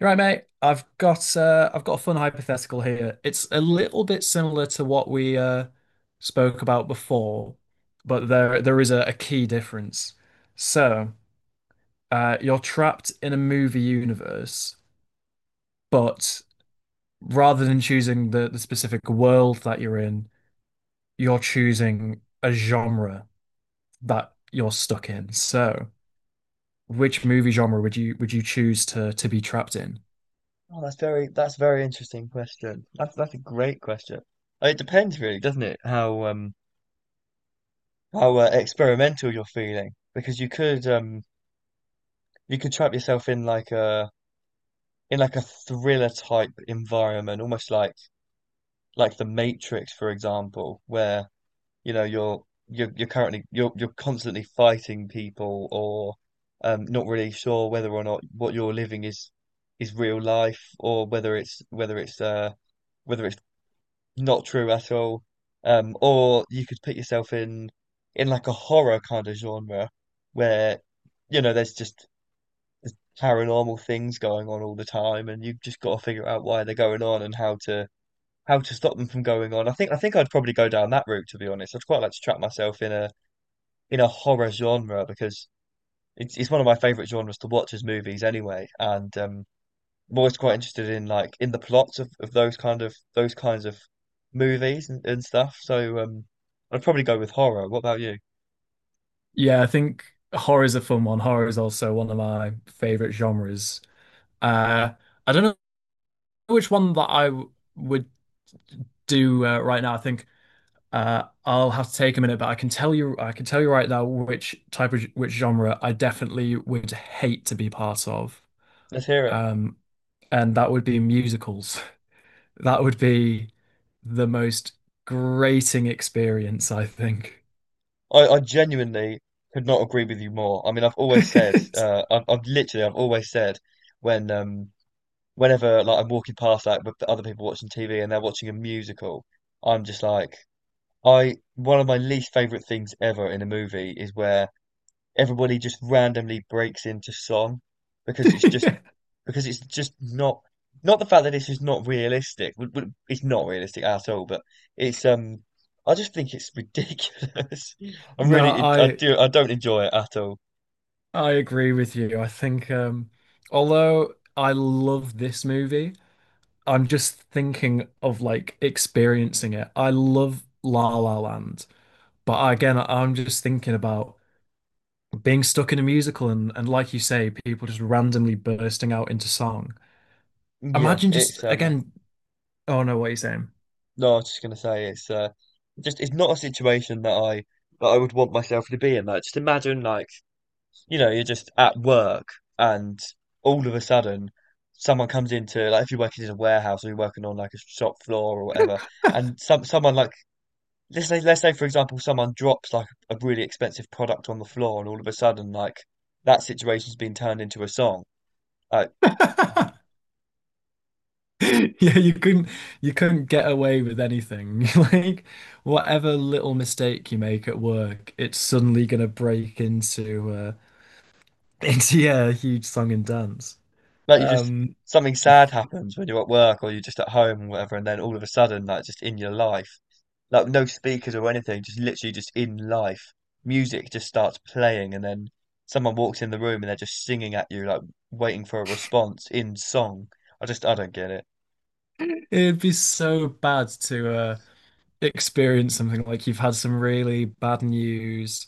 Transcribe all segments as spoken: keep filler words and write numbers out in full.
You're right, mate. I've got uh, I've got a fun hypothetical here. It's a little bit similar to what we uh, spoke about before, but there there is a, a key difference. So uh, you're trapped in a movie universe, but rather than choosing the, the specific world that you're in, you're choosing a genre that you're stuck in. So which movie genre would you would you choose to to be trapped in? Oh, that's very that's a very interesting question. That's that's a great question. Uh, It depends really, doesn't it? How um how uh, experimental you're feeling because you could um you could trap yourself in like a in like a thriller type environment, almost like like The Matrix, for example, where you know you're you're you're currently you're you're constantly fighting people or um not really sure whether or not what you're living is is real life or whether it's whether it's uh whether it's not true at all. Um, or you could put yourself in in like a horror kind of genre where, you know, there's just there's paranormal things going on all the time and you've just got to figure out why they're going on and how to how to stop them from going on. I think I think I'd probably go down that route to be honest. I'd quite like to trap myself in a in a horror genre because it's it's one of my favorite genres to watch as movies anyway. And um I'm always quite interested in like in the plots of, of those kind of those kinds of movies and, and stuff. So um, I'd probably go with horror. What about you? Yeah, I think horror's a fun one. Horror is also one of my favorite genres. Uh, I don't know which one that I w- would do uh, right now. I think uh, I'll have to take a minute, but I can tell you, I can tell you right now which type of which genre I definitely would hate to be part of, Let's hear it. um, and that would be musicals. That would be the most grating experience, I think. I, I genuinely could not agree with you more. I mean, I've always said, uh, I've, I've literally, I've always said when um, whenever like I'm walking past like with the other people watching T V and they're watching a musical, I'm just like, I one of my least favorite things ever in a movie is where everybody just randomly breaks into song because it's just because it's just not not the fact that this is not realistic. w- w- It's not realistic at all, but it's um I just think it's ridiculous. I No, really it, I I do I don't enjoy it at all. I agree with you. I think um although I love this movie, I'm just thinking of like experiencing it. I love La La Land, but again, I'm just thinking about being stuck in a musical and and like you say, people just randomly bursting out into song. Yeah, Imagine just it's um again, oh no, what are you saying? No, I was just gonna say it's uh just it's not a situation that I that I would want myself to be in. Like just imagine like you know you're just at work and all of a sudden someone comes into like if you're working in a warehouse or you're working on like a shop floor or whatever and some someone like let's say, let's say for example, someone drops like a really expensive product on the floor, and all of a sudden, like that situation's been turned into a song. Like, Yeah, you couldn't you couldn't get away with anything. Like whatever little mistake you make at work, it's suddenly gonna break into uh into yeah, a huge song and dance. like you just Um something sad happens when you're at work or you're just at home or whatever, and then all of a sudden, like just in your life, like no speakers or anything, just literally just in life, music just starts playing, and then someone walks in the room and they're just singing at you, like waiting for a response in song. I just I don't get it. it'd be so bad to uh experience something like you've had some really bad news,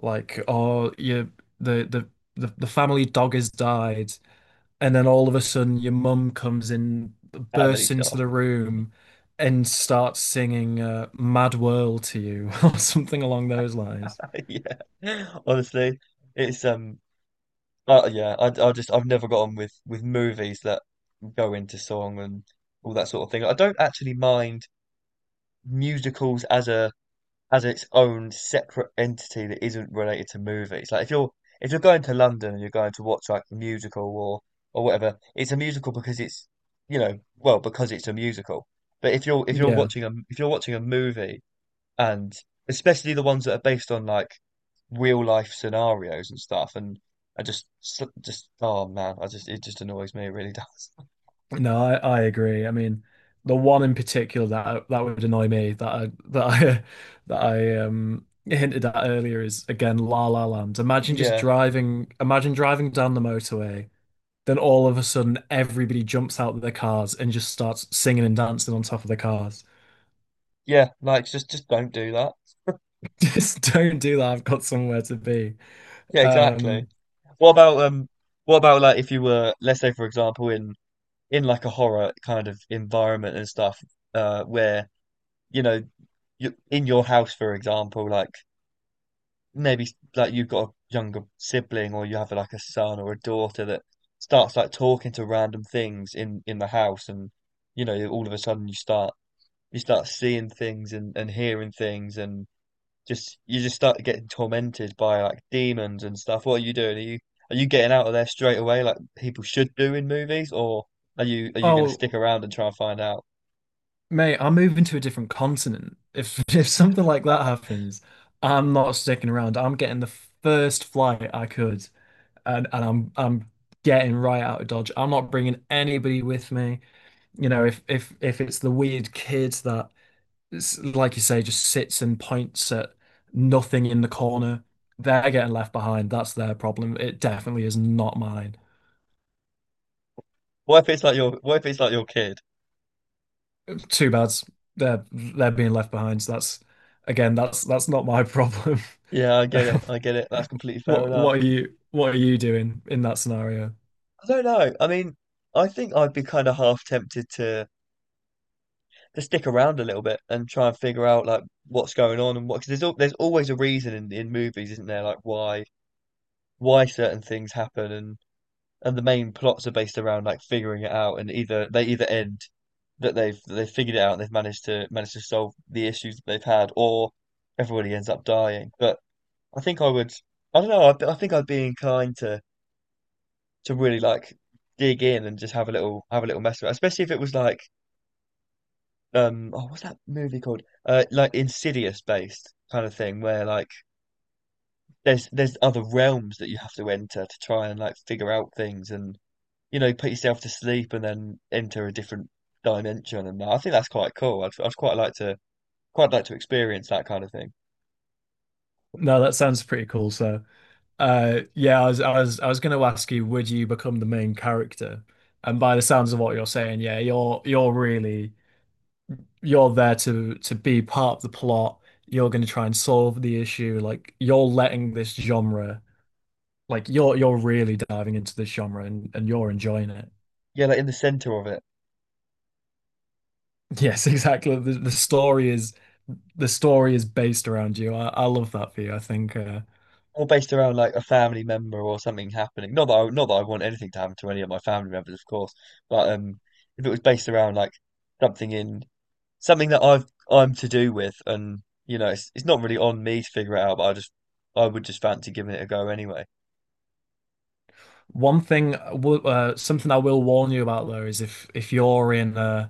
like or you the the the, the family dog has died. And then all of a sudden, your mum comes in, That many bursts into stuff. the room, and starts singing uh, "Mad World" to you, or something along those lines. Yeah, honestly, it's um Uh, yeah, I, I just I've never got on with with movies that go into song and all that sort of thing. I don't actually mind musicals as a as its own separate entity that isn't related to movies. Like if you're if you're going to London and you're going to watch like a musical or or whatever, it's a musical because it's you know well because it's a musical. But if you're if you're Yeah, watching a if you're watching a movie and especially the ones that are based on like real life scenarios and stuff. And I just, s- just, oh man, I just, it just annoys me. It really does. no, I, I agree. I mean, the one in particular that that would annoy me that I that I that I um hinted at earlier is again La La Land. Imagine just Yeah, driving, imagine driving down the motorway, then all of a sudden everybody jumps out of their cars and just starts singing and dancing on top of the cars. yeah, like just, just don't do that. Just don't do that. I've got somewhere to be. Yeah, exactly. Um, What about um, what about like if you were, let's say, for example, in in like a horror kind of environment and stuff, uh, where you know, you in your house, for example, like maybe like you've got a younger sibling or you have like a son or a daughter that starts like talking to random things in in the house and you know all of a sudden you start you start seeing things and and hearing things and just you just start getting tormented by like demons and stuff what are you doing are you are you getting out of there straight away like people should do in movies or are you are you going to stick oh, around and try and find out mate, I'm moving to a different continent. If if something like that happens, I'm not sticking around. I'm getting the first flight I could, and and I'm I'm getting right out of Dodge. I'm not bringing anybody with me. You know, if if if it's the weird kid that, s- like you say, just sits and points at nothing in the corner, they're getting left behind. That's their problem. It definitely is not mine. what if it's like your what if it's like your kid Too bad they're they're being left behind. So that's again, that's that's not my problem. yeah I get Um, it I get it that's completely fair what enough what are you what are you doing in that scenario? I don't know. I mean, I think I'd be kind of half tempted to to stick around a little bit and try and figure out like what's going on and what because there's al there's always a reason in, in movies, isn't there? Like why why certain things happen and and the main plots are based around like figuring it out and either they either end that they've that they've figured it out and they've managed to managed to solve the issues that they've had or everybody ends up dying. But I think I would I don't know. I, I think I'd be inclined to to really like dig in and just have a little have a little mess with it, especially if it was like um oh what's that movie called? Uh like Insidious based kind of thing where like there's there's other realms that you have to enter to try and like figure out things and you know put yourself to sleep and then enter a different dimension and I think that's quite cool. I'd I'd quite like to quite like to experience that kind of thing. No, that sounds pretty cool. So, uh, yeah, I was I was I was going to ask you, would you become the main character? And by the sounds of what you're saying, yeah, you're you're really you're there to to be part of the plot. You're going to try and solve the issue. Like you're letting this genre, like you're you're really diving into this genre and and you're enjoying it. Yeah, like in the center of it. Yes, exactly. The, the story is the story is based around you. I, I love that for you. I think uh, Or based around like a family member or something happening. Not that I, not that I want anything to happen to any of my family members, of course, but um if it was based around like something in something that I've I'm to do with, and you know, it's, it's not really on me to figure it out, but I just I would just fancy giving it a go anyway. one thing, I will- uh, something I will warn you about though is if if you're in uh,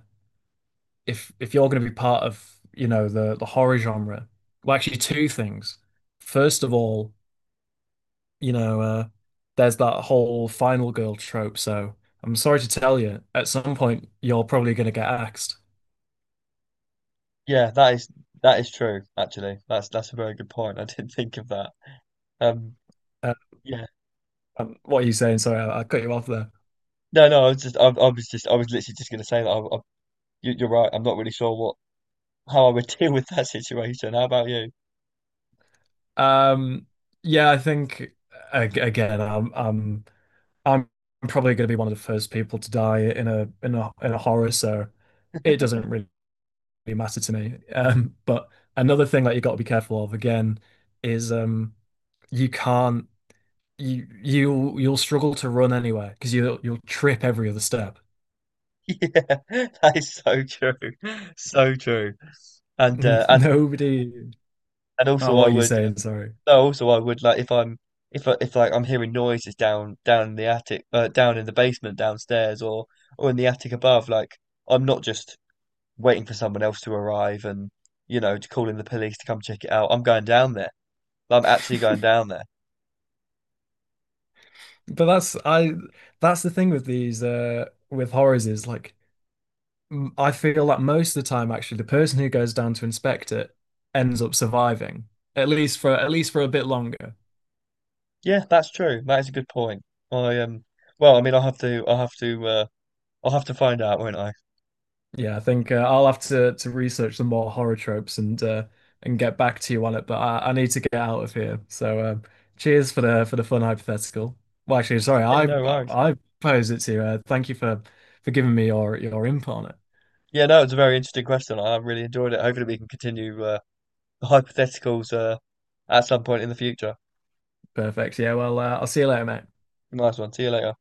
if if you're going to be part of, you know, the the horror genre. Well, actually, two things. First of all, you know, uh, there's that whole final girl trope. So I'm sorry to tell you, at some point you're probably going to get axed. Yeah, that is that is true. Actually, that's that's a very good point. I didn't think of that. Um, Uh, yeah, um, what are you saying? Sorry, I, I cut you off. no, no, I was just I, I was just I was literally just going to say that. I, I, you, you're right. I'm not really sure what how I would deal with that situation. How about you? Um, yeah, I think ag- again, I'm I'm I'm probably going to be one of the first people to die in a in a in a horror, so it doesn't really matter to me. Um, but another thing that you got to be careful of again is um, you can't you you you'll struggle to run anywhere because you'll you'll trip every other step. Yeah, that is so true, so true. And uh, and Nobody. And Oh, also, I what are you would. saying? Um, Sorry. no, also, I would like if I'm if I- if like I'm hearing noises down down in the attic, uh, down in the basement downstairs, or or in the attic above. Like I'm not just waiting for someone else to arrive and you know to call in the police to come check it out. I'm going down there. I'm actually going down there. But that's I that's the thing with these uh with horrors is like, m- I feel that most of the time, actually, the person who goes down to inspect it ends up surviving, at least for at least for a bit longer. Yeah, that's true. That is a good point. I um. Well, I mean, I'll have to. I'll have to. Uh, I'll have to find out, won't I? Yeah, I think uh, I'll have to to research some more horror tropes and uh, and get back to you on it. But I, I need to get out of here. So um, cheers for the for the fun hypothetical. Well, actually, sorry, Yeah, I no worries. I posed it to you. Uh, thank you for for giving me your your input on it. Yeah, no, it's a very interesting question. I really enjoyed it. Hopefully, we can continue. Uh, The hypotheticals uh, at some point in the future. Perfect. Yeah. Well, uh, I'll see you later, mate. Nice one. See you later.